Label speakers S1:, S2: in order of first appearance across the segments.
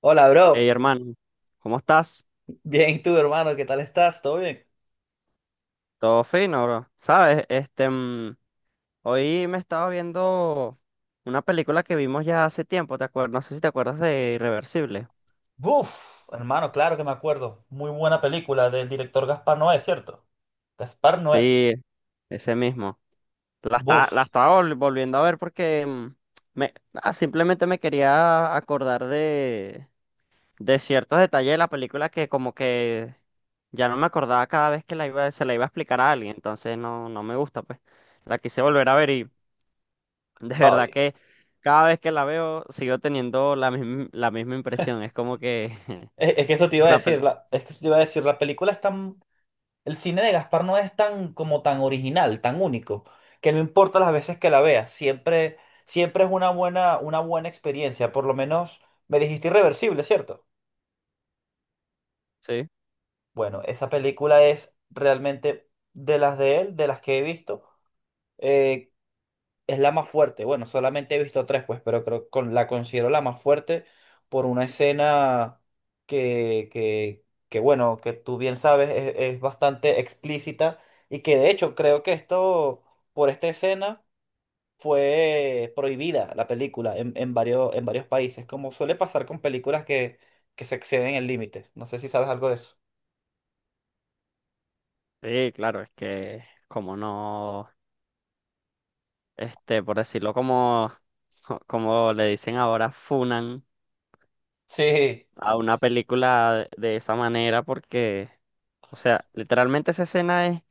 S1: Hola,
S2: Hey,
S1: bro.
S2: hermano, ¿cómo estás?
S1: Bien, ¿y tú, hermano? ¿Qué tal estás? ¿Todo bien?
S2: Todo fino, bro. Sabes, hoy me estaba viendo una película que vimos ya hace tiempo, ¿te acuerdas? No sé si te acuerdas de Irreversible.
S1: Buf, hermano, claro que me acuerdo. Muy buena película del director Gaspar Noé, ¿cierto? Gaspar Noé.
S2: Sí, ese mismo. La está, la
S1: Buf.
S2: estaba vol- volviendo a ver porque simplemente me quería acordar de ciertos detalles de la película que como que ya no me acordaba cada vez que se la iba a explicar a alguien, entonces no, no me gusta, pues. La quise volver a ver. De verdad
S1: Voy.
S2: que cada vez que la veo sigo teniendo la misma impresión. Es como que
S1: Es que eso te iba a
S2: la
S1: decir,
S2: peli...
S1: la, es que eso te iba a decir, la película es tan, el cine de Gaspar Noé es tan como tan original, tan único, que no importa las veces que la veas, siempre, siempre es una buena experiencia, por lo menos me dijiste irreversible, ¿cierto?
S2: Sí,
S1: Bueno, esa película es realmente de las de él, de las que he visto. eh, es la más fuerte. Bueno, solamente he visto tres, pues, pero creo que la considero la más fuerte por una escena que bueno, que tú bien sabes, es bastante explícita y que de hecho creo que esto, por esta escena, fue prohibida la película en varios, en varios países, como suele pasar con películas que se exceden el límite. No sé si sabes algo de eso.
S2: sí, claro, es que como no, por decirlo como, como le dicen ahora, funan
S1: Sí,
S2: a una película de esa manera porque, o sea, literalmente esa escena es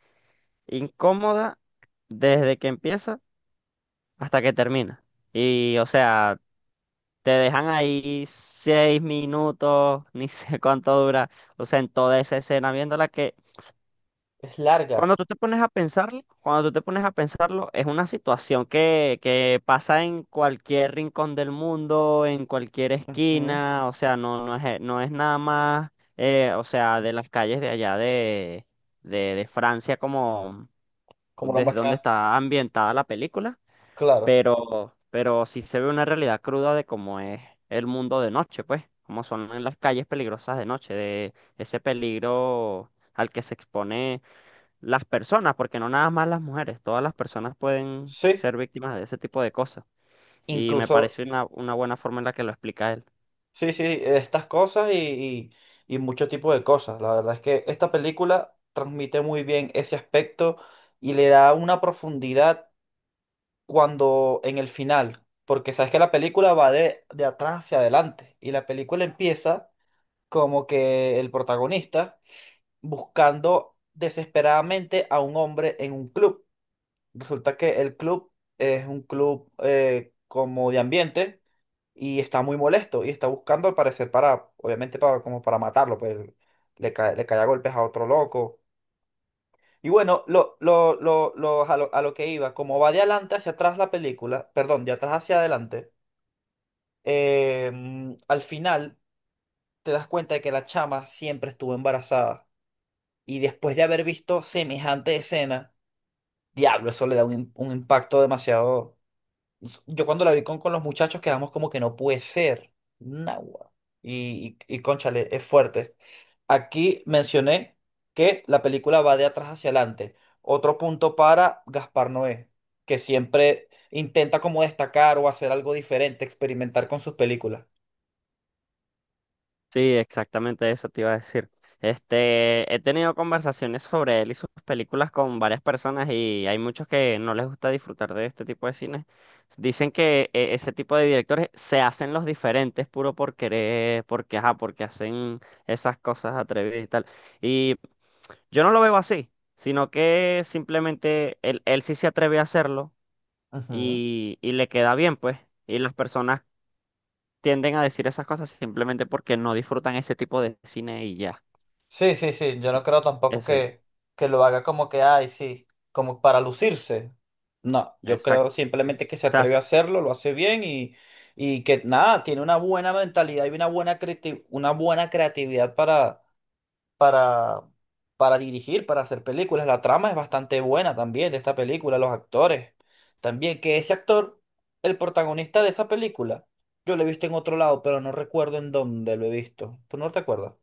S2: incómoda desde que empieza hasta que termina. Y, o sea... Te dejan ahí 6 minutos, ni sé cuánto dura. O sea, en toda esa escena viéndola que
S1: es larga.
S2: cuando tú te pones a pensarlo, es una situación que pasa en cualquier rincón del mundo, en cualquier
S1: Ujú.
S2: esquina. O sea, no, no es, no es nada más, o sea, de las calles de allá de, de Francia como
S1: Como lo
S2: desde donde
S1: muestra.
S2: está ambientada la película,
S1: Claro.
S2: pero sí se ve una realidad cruda de cómo es el mundo de noche, pues, cómo son en las calles peligrosas de noche, de ese peligro al que se expone las personas, porque no nada más las mujeres, todas las personas pueden
S1: Sí.
S2: ser víctimas de ese tipo de cosas. Y me
S1: Incluso
S2: parece una buena forma en la que lo explica él.
S1: sí, sí, estas cosas y mucho tipo de cosas. La verdad es que esta película transmite muy bien ese aspecto y le da una profundidad cuando en el final, porque sabes que la película va de atrás hacia adelante y la película empieza como que el protagonista buscando desesperadamente a un hombre en un club. Resulta que el club es un club como de ambiente y está muy molesto y está buscando al parecer para, obviamente para, como para matarlo, pues le cae a golpes a otro loco. Y bueno, a lo que iba, como va de adelante hacia atrás la película, perdón, de atrás hacia adelante, al final te das cuenta de que la chama siempre estuvo embarazada y después de haber visto semejante escena, diablo, eso le da un, im- un impacto demasiado. Yo cuando la vi con los muchachos quedamos como que no puede ser. Nahua. Y cónchale, es fuerte. Aquí mencioné que la película va de atrás hacia adelante. Otro punto para Gaspar Noé, que siempre intenta como destacar o hacer algo diferente, experimentar con sus películas.
S2: Sí, exactamente eso te iba a decir. Este, he tenido conversaciones sobre él y sus películas con varias personas y hay muchos que no les gusta disfrutar de este tipo de cine. Dicen que ese tipo de directores se hacen los diferentes puro por querer, porque, ajá, porque hacen esas cosas atrevidas y tal. Y yo no lo veo así, sino que simplemente él sí se atreve a hacerlo
S1: Ujú.
S2: y le queda bien, pues. Y las personas tienden a decir esas cosas simplemente porque no disfrutan ese tipo de cine y ya.
S1: Sí, sí, sí, yo no creo tampoco
S2: Ese,
S1: que, que lo haga como que, ay, sí, como para lucirse. No, yo creo
S2: exacto. O
S1: simplemente que se
S2: sea,
S1: atreve a hacerlo, lo hace bien y que nada, tiene una buena mentalidad y una buena creati- una buena creatividad para, para dirigir, para hacer películas. La trama es bastante buena también de esta película, los actores. También que ese actor, el protagonista de esa película, yo lo he visto en otro lado, pero no recuerdo en dónde lo he visto. ¿Tú no te acuerdas?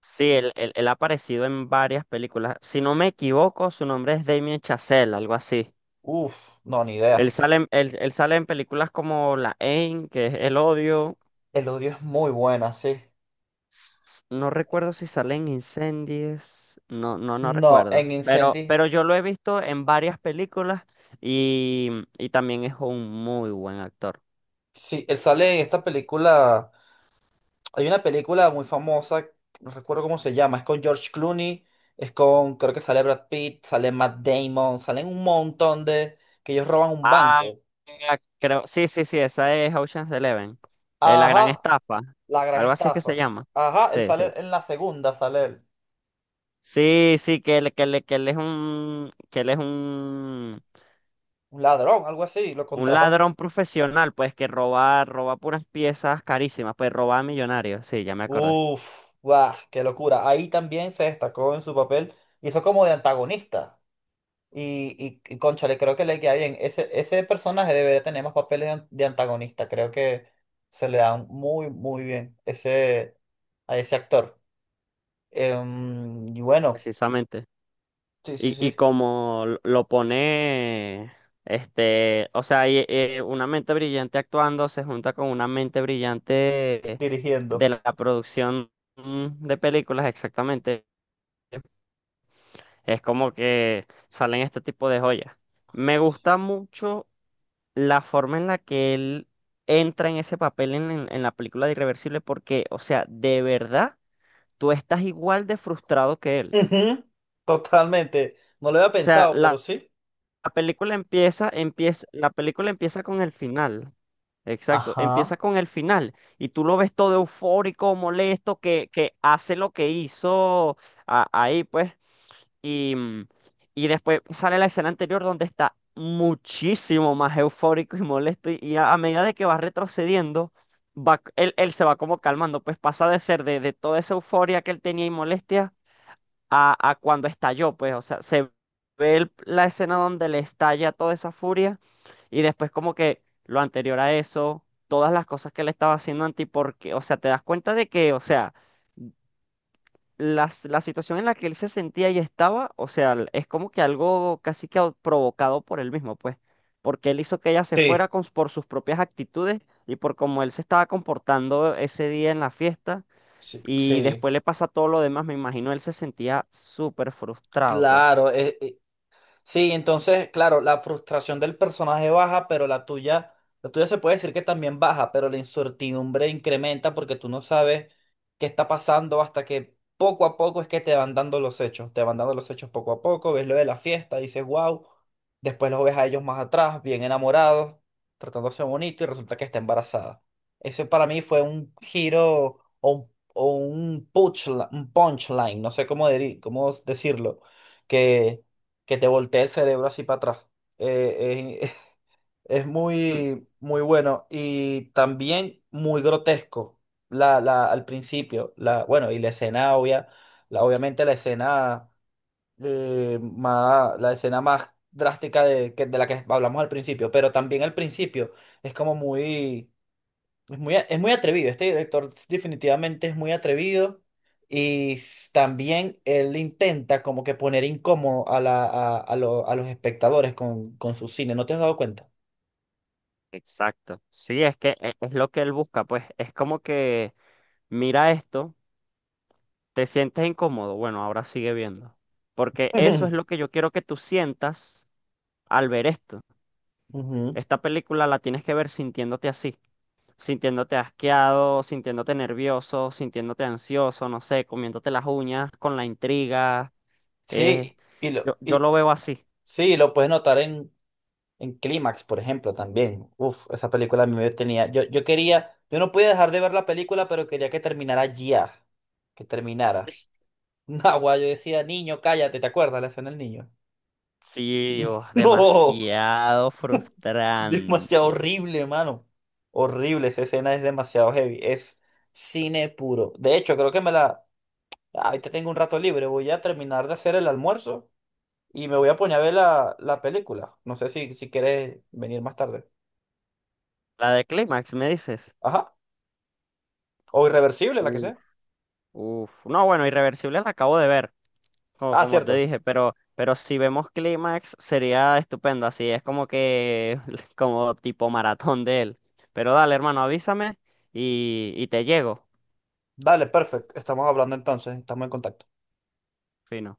S2: sí, él ha aparecido en varias películas. Si no me equivoco, su nombre es Damien Chazelle, algo así.
S1: Uf, no, ni idea.
S2: Él sale en películas como La Haine, que es El Odio.
S1: El odio es muy buena, sí.
S2: No recuerdo si sale en Incendies. No, no, no
S1: No,
S2: recuerdo.
S1: en Incendies,
S2: Pero yo lo he visto en varias películas y también es un muy buen actor.
S1: sí, él sale en esta película. Hay una película muy famosa, no recuerdo cómo se llama, es con George Clooney, es con, creo que sale Brad Pitt, sale Matt Damon, salen un montón de, que ellos roban un
S2: Ah,
S1: banco.
S2: creo, sí, sí, sí, esa es Ocean's Eleven. La gran
S1: Ajá,
S2: estafa.
S1: la gran
S2: Algo así es que se
S1: estafa.
S2: llama.
S1: Ajá, él
S2: Sí,
S1: sale
S2: sí.
S1: en la segunda, sale él,
S2: Sí, sí, que él es un, que él es
S1: un ladrón, algo así, lo
S2: un
S1: contratan.
S2: ladrón profesional, pues que roba, roba puras piezas carísimas, pues roba a millonarios. Sí, ya me acordé.
S1: Uf, guau, qué locura. Ahí también se destacó en su papel, hizo como de antagonista. Cónchale, creo que le queda bien. Ese personaje debería tener más papeles de, an- de antagonista. Creo que se le da muy, muy bien ese, a ese actor. Y bueno,
S2: Precisamente.
S1: sí, sí,
S2: Y
S1: sí,
S2: como lo pone, o sea, una mente brillante actuando se junta con una mente brillante de
S1: dirigiendo.
S2: la producción, de películas, exactamente. Es como que salen este tipo de joyas. Me gusta mucho la forma en la que él entra en ese papel en, en la película de Irreversible porque, o sea, de verdad, tú estás igual de frustrado que él.
S1: Ujú. Totalmente. No lo había
S2: O sea,
S1: pensado, pero sí.
S2: la película empieza, empieza, la película empieza con el final. Exacto, empieza
S1: Ajá.
S2: con el final y tú lo ves todo eufórico, molesto, que hace lo que hizo ahí, pues. Y, y después sale la escena anterior donde está muchísimo más eufórico y molesto. Y a medida de que va retrocediendo, él se va como calmando, pues pasa de ser de toda esa euforia que él tenía y molestia a cuando estalló, pues, o sea, se ve la escena donde le estalla toda esa furia y después como que lo anterior a eso, todas las cosas que le estaba haciendo Anti, porque, o sea, te das cuenta de que, o sea, la situación en la que él se sentía y estaba, o sea, es como que algo casi que provocado por él mismo, pues, porque él hizo que ella se fuera
S1: Sí,
S2: con, por sus propias actitudes y por cómo él se estaba comportando ese día en la fiesta.
S1: sí,
S2: Y
S1: sí.
S2: después le pasa todo lo demás, me imagino él se sentía súper frustrado, pues.
S1: Claro, e, sí, entonces, claro, la frustración del personaje baja, pero la tuya se puede decir que también baja, pero la incertidumbre incrementa porque tú no sabes qué está pasando hasta que poco a poco es que te van dando los hechos, te van dando los hechos poco a poco, ves lo de la fiesta, dices, wow, después los ves a ellos más atrás, bien enamorados, tratándose bonito y resulta que está embarazada. Ese para mí fue un giro o un punchline, no sé cómo, deri- cómo decirlo, que que te voltee el cerebro así para atrás. Eh, eh, es
S2: Mm,
S1: muy, muy bueno y también muy grotesco la, la, al principio. La, bueno, y la escena obvia, la, obviamente la escena, más, la escena más drástica de, que- de la que hablamos al principio, pero también al principio es como muy... Es muy, a- es muy atrevido, este director definitivamente es muy atrevido y s- también él intenta como que poner incómodo a, la, a lo- a los espectadores con su cine, ¿no te has dado cuenta?
S2: Exacto. Sí, es que es lo que él busca, pues. Es como que mira esto, te sientes incómodo, bueno, ahora sigue viendo. Porque eso es lo que yo quiero que tú sientas al ver esto.
S1: Ujú.
S2: Esta película la tienes que ver sintiéndote así, sintiéndote asqueado, sintiéndote nervioso, sintiéndote ansioso, no sé, comiéndote las uñas con la intriga. eh,
S1: Sí, y lo,
S2: yo, yo
S1: y,
S2: lo veo así.
S1: sí, lo puedes notar en Clímax, por ejemplo, también. Uf, esa película a mí me tenía, yo quería, yo no podía dejar de ver la película, pero quería que terminara ya, que terminara. No, yo decía, niño, cállate, ¿te acuerdas la escena del niño?
S2: Sí, Dios,
S1: No.
S2: demasiado
S1: Demasiado
S2: frustrante.
S1: horrible, mano. Horrible, esa escena es demasiado heavy. Es cine puro. De hecho, creo que me la... Ahorita tengo un rato libre. Voy a terminar de hacer el almuerzo y me voy a poner a ver la, la película. No sé si, si quieres venir más tarde.
S2: La de Clímax, ¿me dices?
S1: Ajá. O Irreversible, la que
S2: Uf.
S1: sea.
S2: Uf. No, bueno, Irreversible la acabo de ver, como,
S1: Ah,
S2: como te
S1: cierto.
S2: dije, pero si vemos Clímax sería estupendo, así es como que, como tipo maratón de él. Pero dale, hermano, avísame y te llego.
S1: Dale, perfecto. Estamos hablando entonces. Estamos en contacto.
S2: Fino.